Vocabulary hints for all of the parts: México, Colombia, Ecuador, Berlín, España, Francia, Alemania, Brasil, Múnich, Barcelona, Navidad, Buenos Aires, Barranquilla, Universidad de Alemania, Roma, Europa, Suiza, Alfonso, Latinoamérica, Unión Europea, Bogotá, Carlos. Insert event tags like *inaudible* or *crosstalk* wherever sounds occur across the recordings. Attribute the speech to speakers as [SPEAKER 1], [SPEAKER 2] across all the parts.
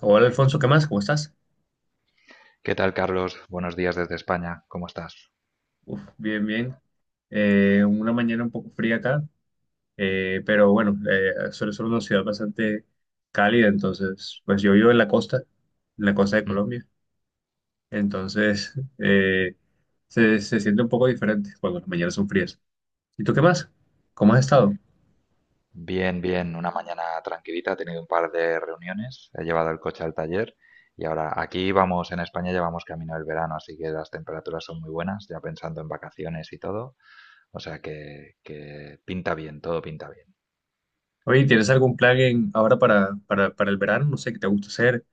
[SPEAKER 1] Hola Alfonso, ¿qué más? ¿Cómo estás?
[SPEAKER 2] ¿Qué tal, Carlos? Buenos días desde España. ¿Cómo estás?
[SPEAKER 1] Uf, bien, bien. Una mañana un poco fría acá, pero bueno, suele ser una ciudad bastante cálida. Entonces, pues yo vivo en la costa de
[SPEAKER 2] Mm.
[SPEAKER 1] Colombia. Entonces, eh, se siente un poco diferente cuando las mañanas son frías. ¿Y tú qué más? ¿Cómo has estado?
[SPEAKER 2] Bien, bien. Una mañana tranquilita. He tenido un par de reuniones. He llevado el coche al taller. Y ahora aquí vamos, en España ya vamos camino del verano, así que las temperaturas son muy buenas, ya pensando en vacaciones y todo. O sea que pinta bien, todo pinta bien.
[SPEAKER 1] Oye, ¿tienes algún plan ahora para, para el verano? No sé, ¿qué te gusta hacer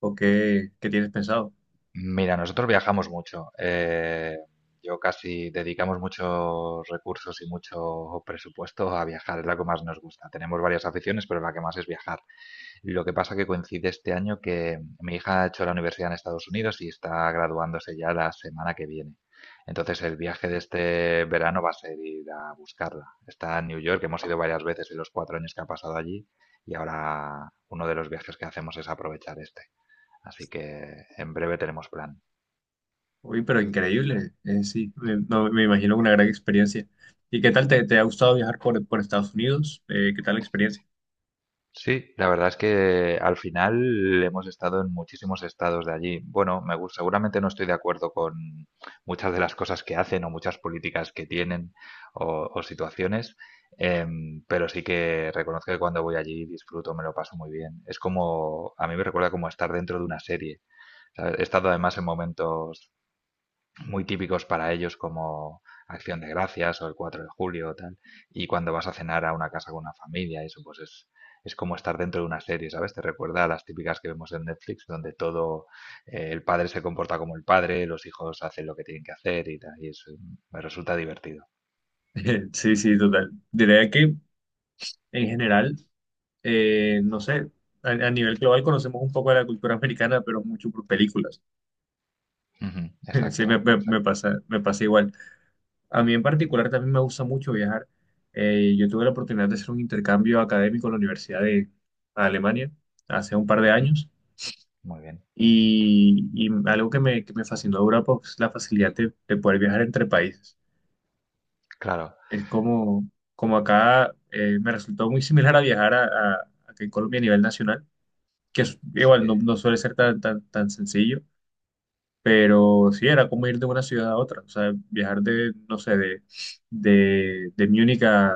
[SPEAKER 1] o qué tienes pensado?
[SPEAKER 2] Mira, nosotros viajamos mucho. Yo casi dedicamos muchos recursos y mucho presupuesto a viajar, es la que más nos gusta. Tenemos varias aficiones, pero la que más es viajar. Lo que pasa que coincide este año que mi hija ha hecho la universidad en Estados Unidos y está graduándose ya la semana que viene. Entonces el viaje de este verano va a ser ir a buscarla. Está en New York, hemos ido varias veces en los cuatro años que ha pasado allí y ahora uno de los viajes que hacemos es aprovechar este. Así que en breve tenemos plan.
[SPEAKER 1] Uy, pero increíble. Sí, no, me imagino una gran experiencia. ¿Y qué tal te ha gustado viajar por Estados Unidos? ¿Qué tal la experiencia?
[SPEAKER 2] Sí, la verdad es que al final hemos estado en muchísimos estados de allí. Bueno, me gus- seguramente no estoy de acuerdo con muchas de las cosas que hacen o muchas políticas que tienen o situaciones, pero sí que reconozco que cuando voy allí disfruto, me lo paso muy bien. Es como, a mí me recuerda como estar dentro de una serie. ¿Sabes? He estado además en momentos muy típicos para ellos como Acción de Gracias o el 4 de julio o tal. Y cuando vas a cenar a una casa con una familia, eso pues es es como estar dentro de una serie, ¿sabes? Te recuerda a las típicas que vemos en Netflix, donde todo, el padre se comporta como el padre, los hijos hacen lo que tienen que hacer y tal. Y eso me resulta divertido.
[SPEAKER 1] *laughs* Sí, sí, total. Diría que en general, no sé, a nivel global conocemos un poco de la cultura americana, pero mucho por películas.
[SPEAKER 2] Ujú,
[SPEAKER 1] *laughs* Sí,
[SPEAKER 2] exacto, exacto.
[SPEAKER 1] me pasa igual. A mí en particular también me gusta mucho viajar. Yo tuve la oportunidad de hacer un intercambio académico en la Universidad de Alemania hace un par de
[SPEAKER 2] Ujú.
[SPEAKER 1] años.
[SPEAKER 2] Muy bien.
[SPEAKER 1] Y algo que me fascinó de Europa es la facilidad de poder viajar entre países.
[SPEAKER 2] Claro,
[SPEAKER 1] Es como, Como acá, me resultó muy similar a viajar aquí en Colombia a nivel nacional, igual no,
[SPEAKER 2] sí.
[SPEAKER 1] no suele ser tan sencillo, pero sí era como ir de una ciudad a otra. O sea, viajar no sé, de Múnich a,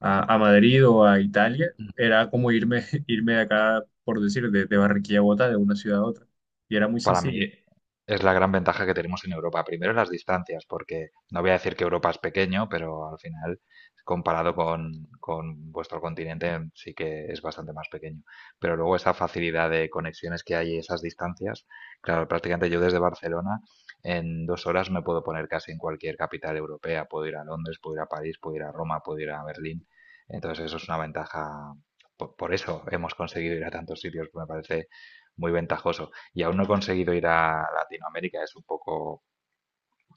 [SPEAKER 1] a, a Madrid o a Italia era como *laughs* irme de acá, por decir, de Barranquilla a Bogotá, de una ciudad a otra. Y era muy
[SPEAKER 2] Para mí
[SPEAKER 1] sencillo.
[SPEAKER 2] es la gran ventaja que tenemos en Europa. Primero, las distancias, porque no voy a decir que Europa es pequeño, pero al final, comparado con vuestro continente, sí que es bastante más pequeño. Pero luego esa facilidad de conexiones que hay y esas distancias, claro, prácticamente yo desde Barcelona en dos horas me puedo poner casi en cualquier capital europea. Puedo ir a Londres, puedo ir a París, puedo ir a Roma, puedo ir a Berlín. Entonces eso es una ventaja. Por eso hemos conseguido ir a tantos sitios, me parece muy ventajoso y aún no he conseguido ir a Latinoamérica, es un poco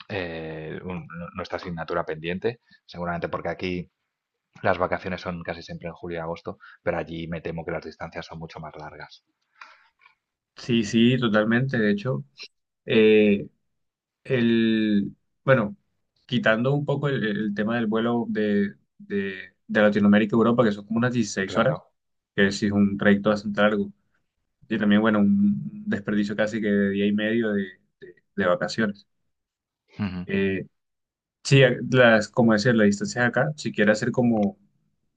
[SPEAKER 2] no, nuestra asignatura pendiente, seguramente porque aquí las vacaciones son casi siempre en julio y agosto, pero allí me temo que las distancias son mucho más largas.
[SPEAKER 1] Sí, sí, totalmente. De hecho, eh, el, bueno, quitando un poco el tema del vuelo de Latinoamérica a Europa, que son como unas dieciséis
[SPEAKER 2] Claro,
[SPEAKER 1] horas, que sí es un trayecto bastante largo, y también, bueno, un desperdicio casi que de día y medio de vacaciones.
[SPEAKER 2] ujú,
[SPEAKER 1] Eh, sí, como decía, las distancias acá, si quieres hacer como,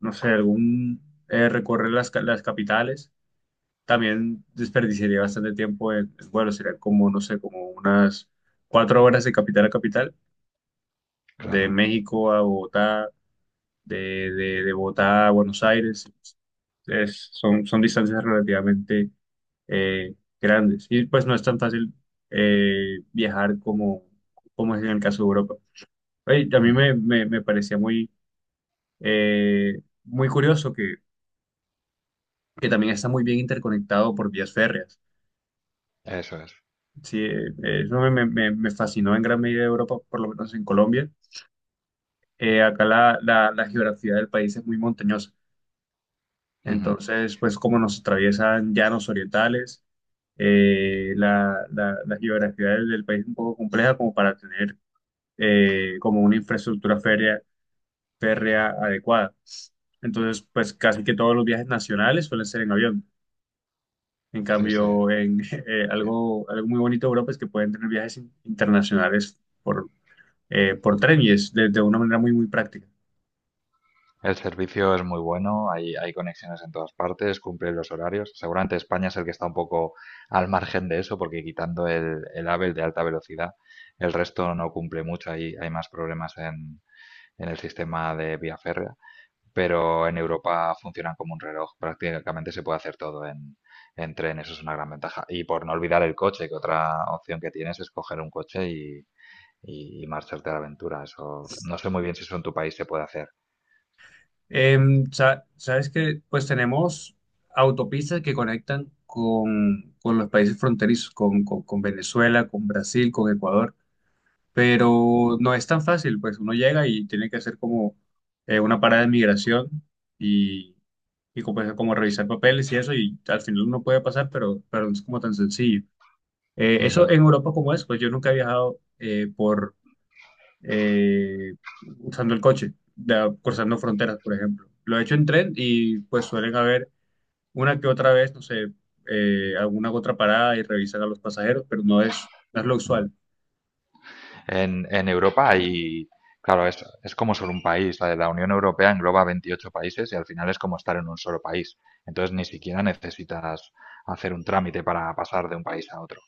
[SPEAKER 1] no sé, recorrer las capitales también desperdiciaría bastante tiempo en vuelo, serían como, no sé, como unas 4 horas de capital a capital, de
[SPEAKER 2] claro,
[SPEAKER 1] México a Bogotá, de, de Bogotá a Buenos Aires, son distancias relativamente eh, grandes, y pues no es tan fácil viajar como, como es en el caso de Europa. Oye, a mí
[SPEAKER 2] ujú,
[SPEAKER 1] me parecía eh, muy curioso que también está muy bien interconectado por vías férreas.
[SPEAKER 2] eso es.
[SPEAKER 1] Sí, eso me fascinó en gran medida de Europa, por lo menos en Colombia. Acá la geografía del país es muy montañosa.
[SPEAKER 2] Ujú,
[SPEAKER 1] Entonces, pues como nos atraviesan llanos orientales, la geografía del país es un poco compleja como para tener como una infraestructura férrea adecuada. Entonces, pues casi que todos los viajes nacionales suelen ser en avión. En
[SPEAKER 2] sí, sí,
[SPEAKER 1] cambio, en *laughs*
[SPEAKER 2] lo entiendo.
[SPEAKER 1] algo muy bonito de Europa es que pueden tener viajes internacionales por tren, y es de una manera muy, muy práctica.
[SPEAKER 2] El servicio es muy bueno, hay conexiones en todas partes, cumple los horarios. Seguramente España es el que está un poco al margen de eso, porque quitando el AVE, el de alta velocidad, el resto no cumple mucho. Hay más problemas en el sistema de vía férrea, pero en Europa funcionan como un reloj. Prácticamente se puede hacer todo en tren, eso es una gran ventaja. Y por no olvidar el coche, que otra opción que tienes es coger un coche y marcharte a la aventura. Eso no sé muy bien si eso en tu país se puede hacer.
[SPEAKER 1] Sabes que pues tenemos autopistas que conectan con los países fronterizos, con Venezuela, con Brasil, con Ecuador, pero no es tan fácil. Pues uno llega y tiene que hacer como una parada de migración y, y como, pues, como revisar papeles y eso, y al final uno puede pasar, pero no es como tan sencillo. Eso
[SPEAKER 2] Ujú.
[SPEAKER 1] en Europa como es, pues yo nunca he viajado por eh, usando el coche, cruzando fronteras, por ejemplo. Lo he hecho en tren, y pues suelen haber una que otra vez, no sé, alguna que otra parada, y revisan a los pasajeros, pero no es lo
[SPEAKER 2] Ujú.
[SPEAKER 1] usual.
[SPEAKER 2] En en Europa y, claro, es como solo un país. La de la Unión Europea engloba 28 países y al final es como estar en un solo país. Entonces ni siquiera necesitas hacer un trámite para pasar de un país a otro.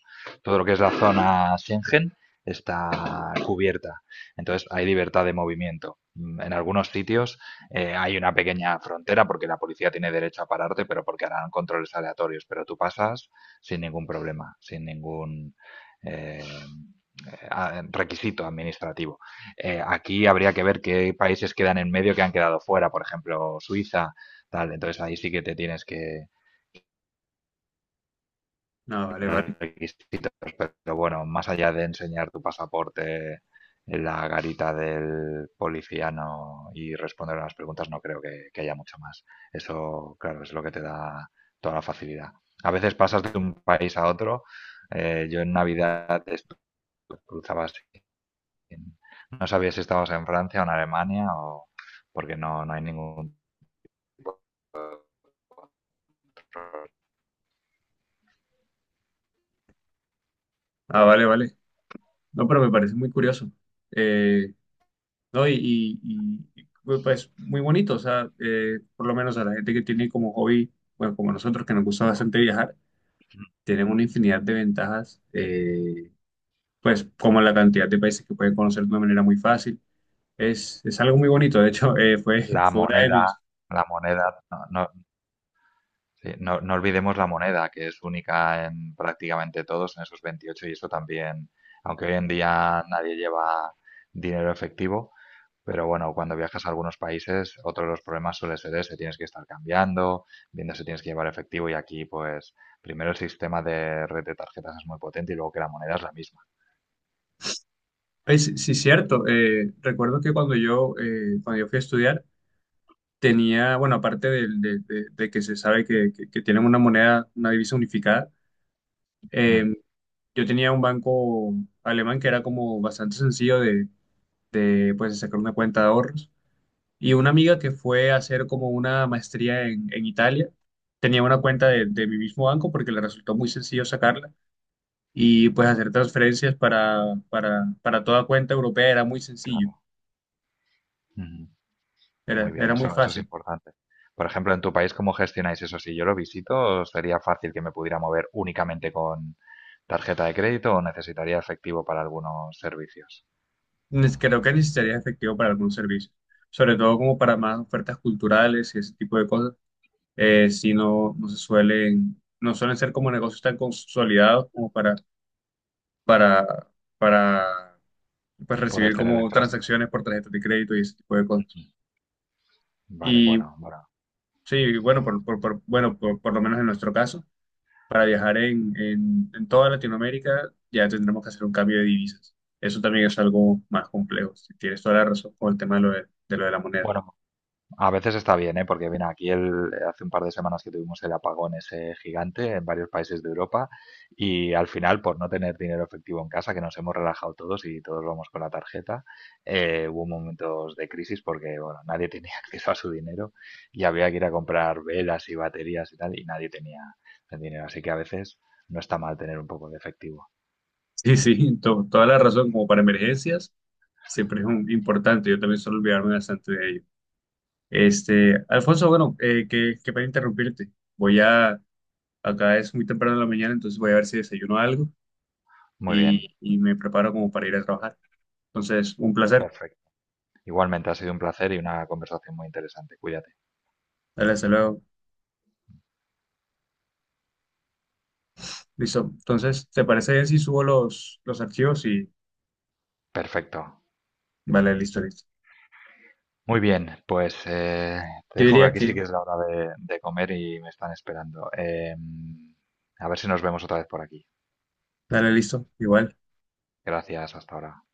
[SPEAKER 2] Todo lo que es la zona Schengen está cubierta. Entonces hay libertad de movimiento. Mm. En algunos sitios hay una pequeña frontera porque la policía tiene derecho a pararte, pero porque harán controles aleatorios. Pero tú pasas sin ningún problema, sin ningún eh, requisito administrativo. Aquí habría que ver qué países quedan en medio que han quedado fuera, por ejemplo, Suiza, tal. Entonces ahí sí que te tienes que
[SPEAKER 1] Ah, vale, vale.
[SPEAKER 2] requisitos, pero bueno, más allá de enseñar tu pasaporte en la garita del policía no y responder a las preguntas, no creo que haya mucho más. Eso, claro, es lo que te da toda la facilidad. A veces pasas de un país a otro. Yo en Navidad cruzaba así no sabía si estabas en Francia o en Alemania o porque no hay ningún tipo de control.
[SPEAKER 1] Ah, vale, vale. No, pero me parece muy curioso. Eh, no, y, pues muy bonito, o sea, por lo menos a la gente que tiene como hobby, bueno, como nosotros, que nos gusta bastante viajar, tienen una infinidad de ventajas. Pues como la cantidad de países que pueden conocer de una manera muy fácil, es algo muy bonito. De hecho, *laughs*
[SPEAKER 2] La
[SPEAKER 1] fue una de
[SPEAKER 2] moneda,
[SPEAKER 1] mis...
[SPEAKER 2] la moneda, no, no, sí, no- No olvidemos la moneda, que es única en prácticamente todos, en esos 28 y eso también, aunque hoy en día nadie lleva dinero efectivo, pero bueno, cuando viajas a algunos países, otro de los problemas suele ser ese, tienes que estar cambiando, viendo si tienes que llevar efectivo, y aquí pues primero el sistema de red de tarjetas es muy potente y luego que la moneda es la misma.
[SPEAKER 1] Pues sí, cierto. Recuerdo que cuando yo fui a estudiar, tenía, bueno, aparte de que se sabe que tienen una moneda, una divisa unificada, eh,
[SPEAKER 2] Mm.
[SPEAKER 1] yo tenía un banco alemán que era como bastante sencillo pues, de sacar una cuenta de ahorros. Y una amiga que fue a hacer como una maestría en Italia tenía una cuenta de mi mismo banco, porque le resultó muy sencillo sacarla, y pues hacer transferencias para toda cuenta europea era muy sencillo,
[SPEAKER 2] Claro. Ujú. Muy
[SPEAKER 1] era,
[SPEAKER 2] bien,
[SPEAKER 1] era muy
[SPEAKER 2] eso es
[SPEAKER 1] fácil.
[SPEAKER 2] importante. Por ejemplo, en tu país, ¿cómo gestionáis eso? Si yo lo visito, ¿sería fácil que me pudiera mover únicamente con tarjeta de crédito o necesitaría efectivo para algunos servicios?
[SPEAKER 1] Creo que necesitarías efectivo para algunos servicios, sobre todo como para más ofertas culturales y ese tipo de cosas. Si no suelen ser como negocios tan consolidados como para, para pues,
[SPEAKER 2] Poder
[SPEAKER 1] recibir
[SPEAKER 2] tener
[SPEAKER 1] como
[SPEAKER 2] infraestructura.
[SPEAKER 1] transacciones por tarjetas de crédito y ese tipo de cosas.
[SPEAKER 2] Vale,
[SPEAKER 1] Y
[SPEAKER 2] bueno, bueno.
[SPEAKER 1] sí, bueno, por lo menos en nuestro caso, para viajar en toda Latinoamérica, ya tendremos que hacer un cambio de divisas. Eso también es algo más complejo. Si tienes toda la razón con el tema de lo de la moneda. *laughs*
[SPEAKER 2] Bueno, a veces está bien, ¿eh? Porque mira, aquí el, hace un par de semanas que tuvimos el apagón ese gigante en varios países de Europa y al final, por no tener dinero efectivo en casa, que nos hemos relajado todos y todos vamos con la tarjeta, hubo momentos de crisis porque, bueno, nadie tenía *laughs* acceso a su dinero y había que ir a comprar velas y baterías y tal y nadie tenía el dinero. Así que a veces no está mal tener un poco de efectivo.
[SPEAKER 1] Sí, sí, toda la razón. Como para emergencias, siempre es importante. Yo también suelo olvidarme bastante de ello. Este, Alfonso, bueno, que para interrumpirte. Voy a, Acá es muy temprano en la mañana, entonces voy a ver si desayuno algo,
[SPEAKER 2] Muy bien,
[SPEAKER 1] y me preparo como para ir a trabajar. Entonces, un placer.
[SPEAKER 2] perfecto. Igualmente ha sido un placer y una conversación muy interesante. Cuídate.
[SPEAKER 1] Dale, hasta luego. Listo. Entonces, ¿te parece bien si subo los archivos? Y
[SPEAKER 2] Perfecto.
[SPEAKER 1] vale, listo, listo.
[SPEAKER 2] Muy bien, pues te
[SPEAKER 1] Yo
[SPEAKER 2] dejo que
[SPEAKER 1] diría
[SPEAKER 2] aquí sí
[SPEAKER 1] que,
[SPEAKER 2] que es la hora de comer y me están esperando. Em, a ver si nos vemos otra vez por aquí.
[SPEAKER 1] dale, listo, igual.
[SPEAKER 2] Gracias, hasta ahora.